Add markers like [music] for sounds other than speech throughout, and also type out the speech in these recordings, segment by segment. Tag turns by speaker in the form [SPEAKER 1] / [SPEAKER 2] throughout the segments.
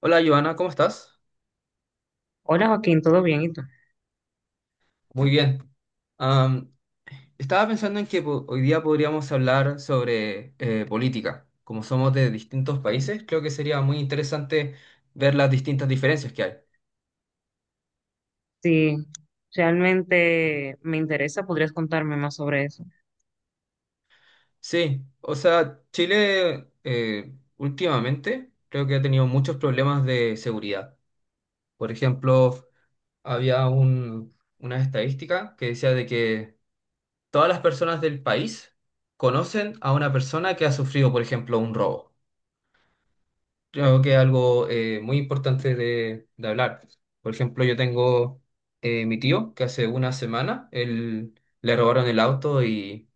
[SPEAKER 1] Hola, Joana, ¿cómo estás?
[SPEAKER 2] Hola Joaquín, ¿todo bien? ¿Y tú?
[SPEAKER 1] Muy bien. Am, Estaba pensando en que hoy día podríamos hablar sobre política. Como somos de distintos países, creo que sería muy interesante ver las distintas diferencias que hay.
[SPEAKER 2] Sí, realmente me interesa, ¿podrías contarme más sobre eso?
[SPEAKER 1] Sí, o sea, Chile, últimamente creo que ha tenido muchos problemas de seguridad. Por ejemplo, había una estadística que decía de que todas las personas del país conocen a una persona que ha sufrido, por ejemplo, un robo. Creo que es algo muy importante de hablar. Por ejemplo, yo tengo mi tío que hace una semana él, le robaron el auto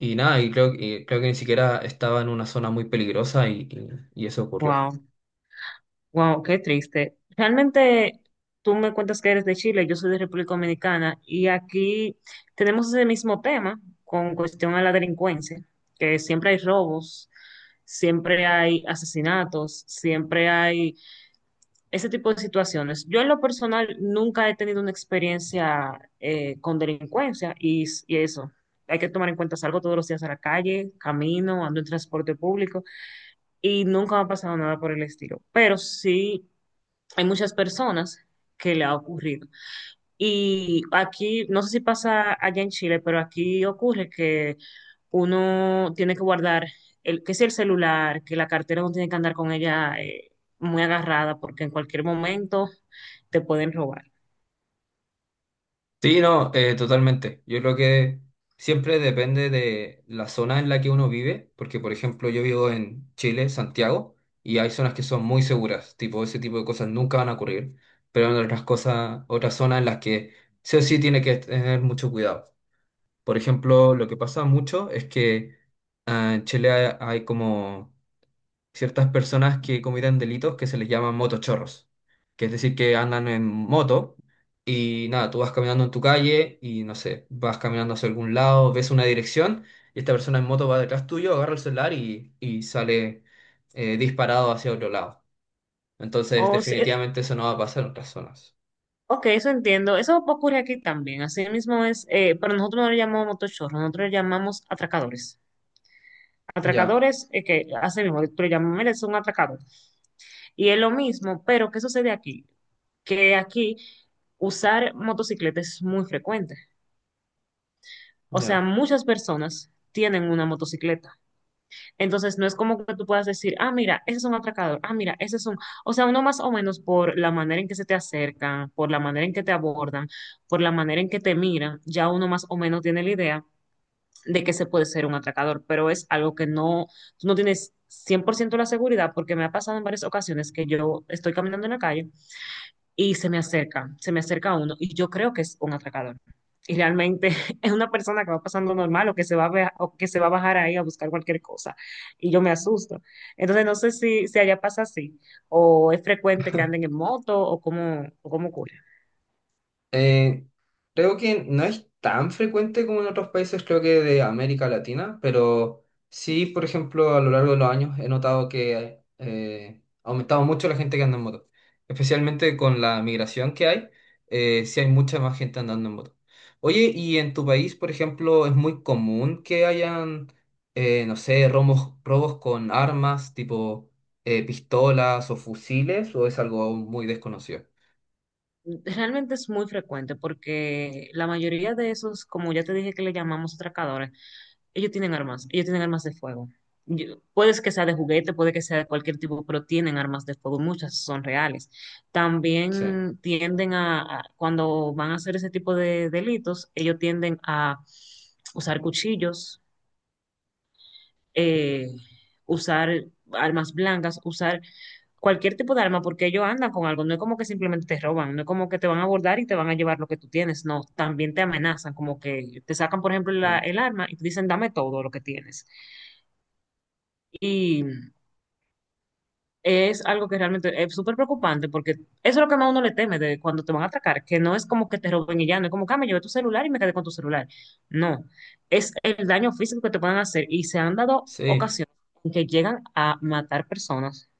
[SPEAKER 1] y nada, y creo que ni siquiera estaba en una zona muy peligrosa y eso ocurrió.
[SPEAKER 2] Wow, wow, qué triste. Realmente tú me cuentas que eres de Chile, yo soy de República Dominicana y aquí tenemos ese mismo tema con cuestión a la delincuencia, que siempre hay robos, siempre hay asesinatos, siempre hay ese tipo de situaciones. Yo en lo personal nunca he tenido una experiencia con delincuencia y, s- y eso. Hay que tomar en cuenta, salgo todos los días a la calle, camino, ando en transporte público y nunca me ha pasado nada por el estilo. Pero sí hay muchas personas que le ha ocurrido. Y aquí, no sé si pasa allá en Chile, pero aquí ocurre que uno tiene que guardar el, que es el celular, que la cartera uno tiene que andar con ella muy agarrada porque en cualquier momento te pueden robar.
[SPEAKER 1] Sí, no, totalmente. Yo creo que siempre depende de la zona en la que uno vive, porque por ejemplo yo vivo en Chile, Santiago, y hay zonas que son muy seguras, tipo ese tipo de cosas nunca van a ocurrir, pero hay otras cosas, otras zonas en las que sí o sí tiene que tener mucho cuidado. Por ejemplo, lo que pasa mucho es que en Chile hay como ciertas personas que cometen delitos que se les llaman motochorros, que es decir, que andan en moto y nada, tú vas caminando en tu calle y no sé, vas caminando hacia algún lado, ves una dirección y esta persona en moto va detrás tuyo, agarra el celular y sale disparado hacia otro lado. Entonces,
[SPEAKER 2] O si-
[SPEAKER 1] definitivamente eso no va a pasar en otras zonas.
[SPEAKER 2] ok, eso entiendo. Eso ocurre aquí también. Así mismo es, pero nosotros no le llamamos motochorros, nosotros le llamamos atracadores.
[SPEAKER 1] Ya,
[SPEAKER 2] Atracadores, que hace mismo, tú le llamas, mira, es un atracador. Y es lo mismo, pero ¿qué sucede aquí? Que aquí usar motocicleta es muy frecuente. O sea,
[SPEAKER 1] ya.
[SPEAKER 2] muchas personas tienen una motocicleta. Entonces, no es como que tú puedas decir, ah, mira, ese es un atracador, ah, mira, ese es un... O sea, uno más o menos por la manera en que se te acercan, por la manera en que te abordan, por la manera en que te miran, ya uno más o menos tiene la idea de que se puede ser un atracador, pero es algo que no, tú no tienes 100% la seguridad porque me ha pasado en varias ocasiones que yo estoy caminando en la calle y se me acerca a uno y yo creo que es un atracador. Y realmente [laughs] es una persona que va pasando normal o que se va a, bea- o que se va a bajar ahí a buscar cualquier cosa y yo me asusto. Entonces no sé si allá pasa así o es frecuente que anden en moto o cómo ocurre.
[SPEAKER 1] Eh, Creo que no es tan frecuente como en otros países, creo que de América Latina, pero sí, por ejemplo, a lo largo de los años he notado que ha aumentado mucho la gente que anda en moto, especialmente con la migración que hay, sí hay mucha más gente andando en moto. Oye, ¿y en tu país, por ejemplo, es muy común que hayan, no sé, robos, robos con armas tipo pistolas o fusiles, o es algo muy desconocido?
[SPEAKER 2] Realmente es muy frecuente porque la mayoría de esos, como ya te dije que le llamamos atracadores, ellos tienen armas, ellos tienen armas de fuego. Yo- puede que sea de juguete, puede que sea de cualquier tipo, pero tienen armas de fuego, muchas son reales.
[SPEAKER 1] Sí,
[SPEAKER 2] También tienden a- cuando van a hacer ese tipo de delitos, ellos tienden a usar cuchillos, eh, usar armas blancas, usar cualquier tipo de arma, porque ellos andan con algo, no es como que simplemente te roban, no es como que te van a abordar y te van a llevar lo que tú tienes, no, también te amenazan, como que te sacan, por ejemplo, la-
[SPEAKER 1] sí.
[SPEAKER 2] el arma y te dicen, dame todo lo que tienes. Y es algo que realmente es súper preocupante porque eso es lo que más uno le teme de cuando te van a atracar, que no es como que te roben y ya, no es como que "Ah, me llevé tu celular y me quedé con tu celular". No, es el daño físico que te pueden hacer y se han dado
[SPEAKER 1] Sí.
[SPEAKER 2] ocasiones en que llegan a matar personas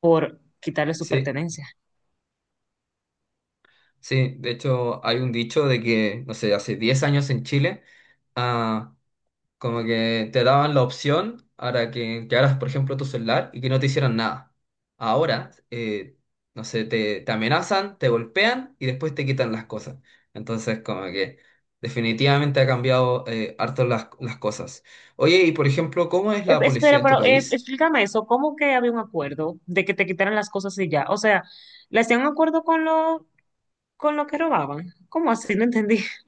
[SPEAKER 2] por quitarle su
[SPEAKER 1] Sí,
[SPEAKER 2] pertenencia.
[SPEAKER 1] sí, de hecho hay un dicho de que, no sé, hace 10 años en Chile, ah, como que te daban la opción para que quedaras, por ejemplo, tu celular y que no te hicieran nada. Ahora, no sé, te amenazan, te golpean y después te quitan las cosas. Entonces, como que definitivamente ha cambiado harto las cosas. Oye, y por ejemplo, ¿cómo es la policía
[SPEAKER 2] Espera,
[SPEAKER 1] en tu
[SPEAKER 2] pero
[SPEAKER 1] país?
[SPEAKER 2] explícame eso, ¿cómo que había un acuerdo de que te quitaran las cosas y ya? O sea, ¿le hacían un acuerdo con lo que robaban? ¿Cómo así? No entendí. [laughs]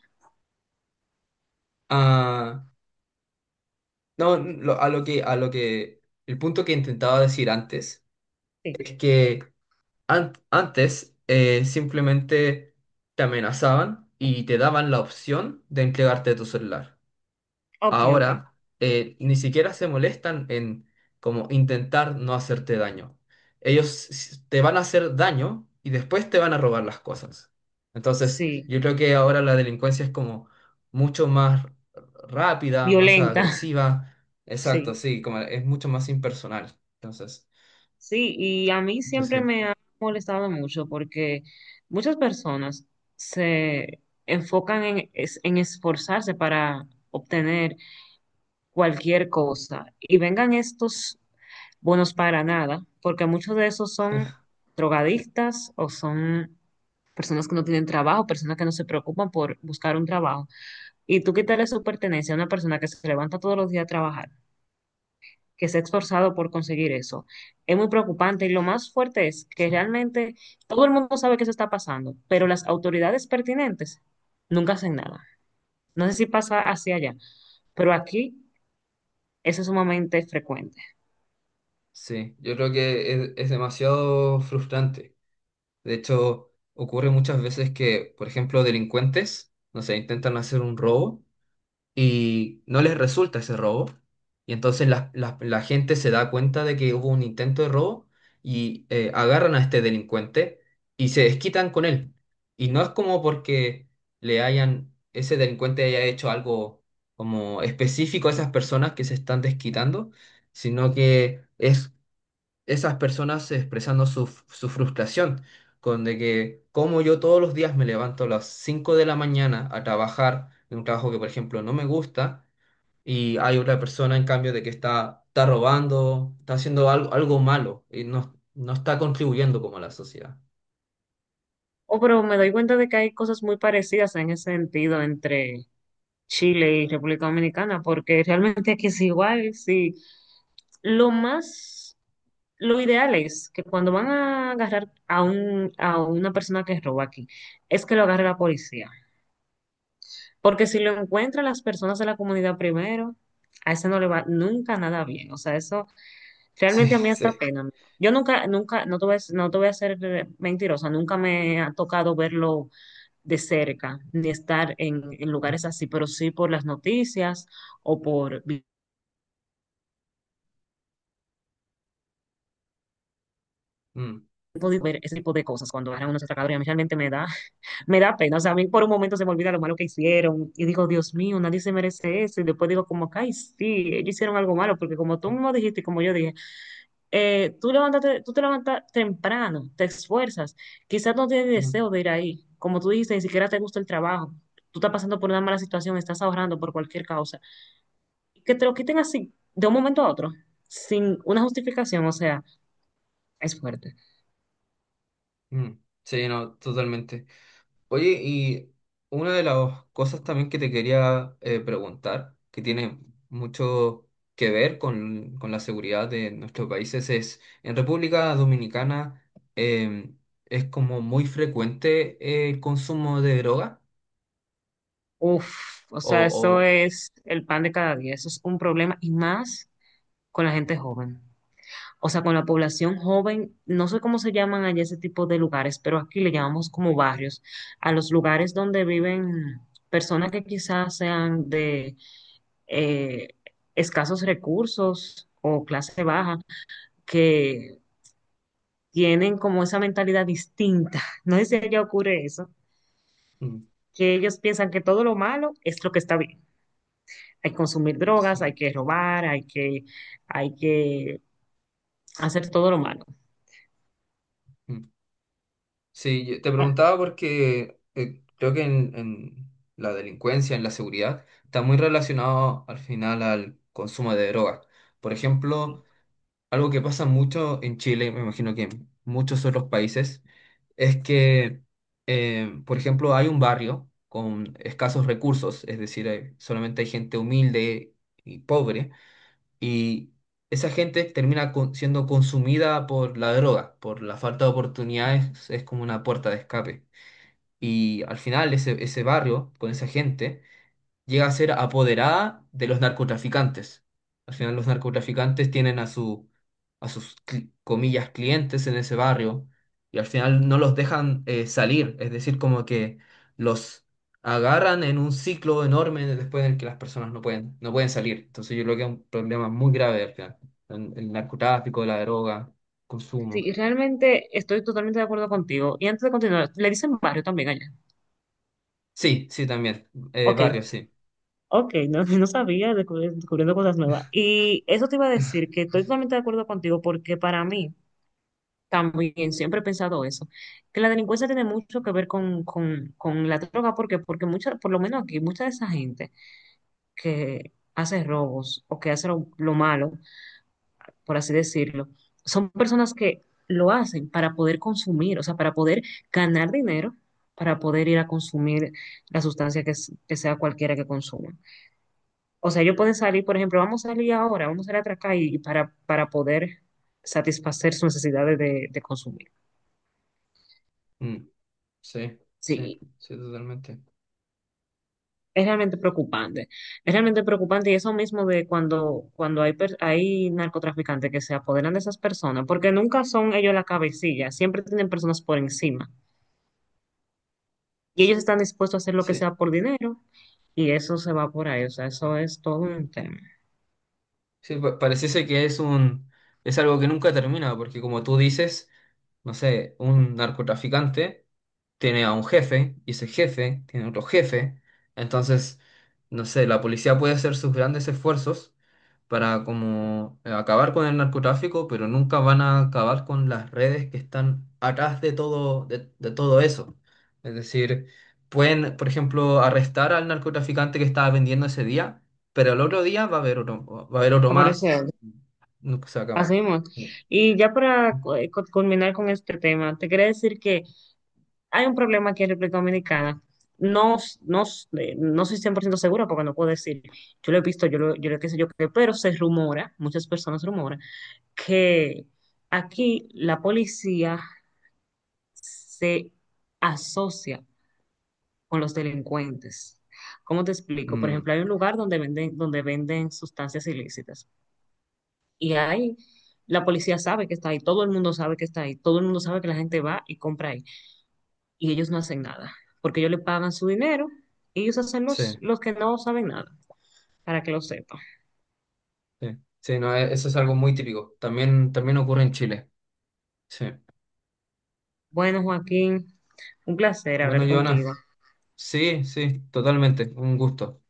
[SPEAKER 1] Ah, no, a lo que, el punto que intentaba decir antes
[SPEAKER 2] Sí.
[SPEAKER 1] es que antes simplemente te amenazaban y te daban la opción de entregarte tu celular.
[SPEAKER 2] Ok, ok.
[SPEAKER 1] Ahora ni siquiera se molestan en como intentar no hacerte daño. Ellos te van a hacer daño y después te van a robar las cosas. Entonces,
[SPEAKER 2] Sí,
[SPEAKER 1] yo creo que ahora la delincuencia es como mucho más rápida, más
[SPEAKER 2] violenta.
[SPEAKER 1] agresiva. Exacto,
[SPEAKER 2] Sí,
[SPEAKER 1] sí, como es mucho más impersonal. Entonces,
[SPEAKER 2] sí, y a mí siempre
[SPEAKER 1] sí,
[SPEAKER 2] me ha molestado mucho porque muchas personas se enfocan en, es- en esforzarse para obtener cualquier cosa y vengan estos bonos para nada, porque muchos de esos son drogadictas o son personas que no tienen trabajo, personas que no se preocupan por buscar un trabajo. Y tú quitarle su pertenencia a una persona que se levanta todos los días a trabajar, que se ha esforzado por conseguir eso. Es muy preocupante y lo más fuerte es que
[SPEAKER 1] sí.
[SPEAKER 2] realmente todo el mundo sabe que eso está pasando, pero las autoridades pertinentes nunca hacen nada. No sé si pasa hacia allá, pero aquí eso es sumamente frecuente.
[SPEAKER 1] Sí, yo creo que es demasiado frustrante. De hecho, ocurre muchas veces que, por ejemplo, delincuentes, no sé, intentan hacer un robo y no les resulta ese robo. Y entonces la gente se da cuenta de que hubo un intento de robo y agarran a este delincuente y se desquitan con él. Y no es como porque le hayan, ese delincuente haya hecho algo como específico a esas personas que se están desquitando, sino que es esas personas expresando su frustración con de que como yo todos los días me levanto a las 5 de la mañana a trabajar en un trabajo que, por ejemplo, no me gusta y hay otra persona, en cambio, de que está robando, está haciendo algo, algo malo y no, no está contribuyendo como a la sociedad.
[SPEAKER 2] Oh, pero me doy cuenta de que hay cosas muy parecidas en ese sentido entre Chile y República Dominicana, porque realmente aquí es igual, sí. Lo más, lo ideal es que cuando van a agarrar a un, a una persona que roba aquí, es que lo agarre la policía. Porque si lo encuentran las personas de la comunidad primero, a ese no le va nunca nada bien. O sea, eso
[SPEAKER 1] Sí,
[SPEAKER 2] realmente a mí hasta
[SPEAKER 1] sí.
[SPEAKER 2] pena me da. Yo nunca, nunca, no te voy a, no te voy a ser mentirosa, nunca me ha tocado verlo de cerca, ni estar en
[SPEAKER 1] Mm,
[SPEAKER 2] lugares así, pero sí por las noticias o por vi-
[SPEAKER 1] mm,
[SPEAKER 2] he podido ver ese tipo de cosas cuando agarran unos atracadores. Y a mí realmente me da, me da pena, o sea, a mí por un momento se me olvida lo malo que hicieron y digo, Dios mío, nadie se merece eso. Y después digo como, que, ay, sí, ellos hicieron algo malo, porque como tú mismo dijiste y como yo dije, tú levántate, tú te levantas temprano, te esfuerzas, quizás no tienes deseo
[SPEAKER 1] mm,
[SPEAKER 2] de ir ahí, como tú dijiste, ni siquiera te gusta el trabajo, tú estás pasando por una mala situación, estás ahorrando por cualquier causa. Que te lo quiten así, de un momento a otro, sin una justificación, o sea, es fuerte.
[SPEAKER 1] mm. Sí, no, totalmente. Oye, y una de las cosas también que te quería preguntar, que tiene mucho que ver con la seguridad de nuestros países, es, en República Dominicana es como muy frecuente el consumo de droga,
[SPEAKER 2] Uf, o sea, eso
[SPEAKER 1] o,
[SPEAKER 2] es el pan de cada día, eso es un problema y más con la gente joven. O sea, con la población joven, no sé cómo se llaman allá ese tipo de lugares, pero aquí le llamamos como barrios, a los lugares donde viven personas que quizás sean de eh, escasos recursos o clase baja, que tienen como esa mentalidad distinta. [laughs] No sé si allá ocurre eso,
[SPEAKER 1] o- mm,
[SPEAKER 2] que ellos piensan que todo lo malo es lo que está bien. Hay que consumir drogas,
[SPEAKER 1] sí,
[SPEAKER 2] hay que robar, hay que hacer todo lo malo.
[SPEAKER 1] mm. Sí, yo te
[SPEAKER 2] Ah,
[SPEAKER 1] preguntaba porque creo que en la delincuencia, en la seguridad, está muy relacionado al final al consumo de drogas. Por ejemplo, algo que pasa mucho en Chile, y me imagino que en muchos otros países, es que, por ejemplo, hay un barrio con escasos recursos, es decir, solamente hay gente humilde y pobre, y esa gente termina siendo consumida por la droga, por la falta de oportunidades, es como una puerta de escape. Y al final ese barrio, con esa gente, llega a ser apoderada de los narcotraficantes. Al final los narcotraficantes tienen a a sus, comillas, clientes en ese barrio y al final no los dejan salir. Es decir, como que los agarran en un ciclo enorme después en el que las personas no pueden, no pueden salir. Entonces yo creo que es un problema muy grave al final. El narcotráfico, la droga, consumo.
[SPEAKER 2] sí, realmente estoy totalmente de acuerdo contigo. Y antes de continuar, le dicen barrio también allá.
[SPEAKER 1] Sí, sí, también.
[SPEAKER 2] Ok,
[SPEAKER 1] Barrio, sí.
[SPEAKER 2] ok, no, [laughs] no sabía, descubri- descubriendo cosas nuevas. Y eso te iba a decir que estoy totalmente de acuerdo contigo porque para mí también siempre he pensado eso, que la delincuencia tiene mucho que ver con la droga, porque, porque mucha, por lo menos aquí, mucha de esa gente que hace robos o que hace lo malo, por así decirlo, son personas que lo hacen para poder consumir, o sea, para poder ganar dinero, para poder ir a consumir la sustancia que, s- que sea cualquiera que consuma. O sea, ellos pueden salir, por ejemplo, vamos a salir ahora, vamos a ir a atracar y para poder satisfacer sus necesidades de consumir.
[SPEAKER 1] Mm, sí, sí,
[SPEAKER 2] Sí,
[SPEAKER 1] sí, totalmente.
[SPEAKER 2] es realmente preocupante. Es realmente preocupante y eso mismo de cuando, cuando hay, per- hay narcotraficantes que se apoderan de esas personas, porque nunca son ellos la cabecilla, siempre tienen personas por encima. Y ellos están dispuestos a hacer lo que
[SPEAKER 1] Sí.
[SPEAKER 2] sea por dinero, y eso se va por ahí, o sea, eso es todo un tema.
[SPEAKER 1] Sí, pareciese que es un, es algo que nunca termina, porque como tú dices, no sé, un narcotraficante tiene a un jefe, y ese jefe tiene otro jefe. Entonces, no sé, la policía puede hacer sus grandes esfuerzos para como acabar con el narcotráfico, pero nunca van a acabar con las redes que están atrás de todo, de todo eso. Es decir, pueden, por ejemplo, arrestar al narcotraficante que estaba vendiendo ese día pero el otro día va a haber otro, va a haber otro
[SPEAKER 2] Aparece
[SPEAKER 1] más, nunca se va a
[SPEAKER 2] así
[SPEAKER 1] acabar.
[SPEAKER 2] mismo.
[SPEAKER 1] Sí.
[SPEAKER 2] Y ya para cu- cu- culminar con este tema, te quería decir que hay un problema aquí en República Dominicana. No, s- no, s- no soy 100% segura porque no puedo decir, yo lo he visto, yo lo que sé yo, qué, pero se rumora, muchas personas rumoran, que aquí la policía se asocia con los delincuentes. ¿Cómo te explico? Por
[SPEAKER 1] Mm,
[SPEAKER 2] ejemplo, hay un lugar donde venden sustancias ilícitas y ahí la policía sabe que está ahí, todo el mundo sabe que está ahí, todo el mundo sabe que la gente va y compra ahí y ellos no hacen nada porque ellos le pagan su dinero y ellos hacen
[SPEAKER 1] sí,
[SPEAKER 2] los que no saben nada, para que lo sepan.
[SPEAKER 1] sí, sí, no, eso es algo muy típico. También, también ocurre en Chile. Sí.
[SPEAKER 2] Bueno, Joaquín, un placer
[SPEAKER 1] Bueno,
[SPEAKER 2] hablar
[SPEAKER 1] Joana,
[SPEAKER 2] contigo.
[SPEAKER 1] sí, sí, totalmente, un gusto.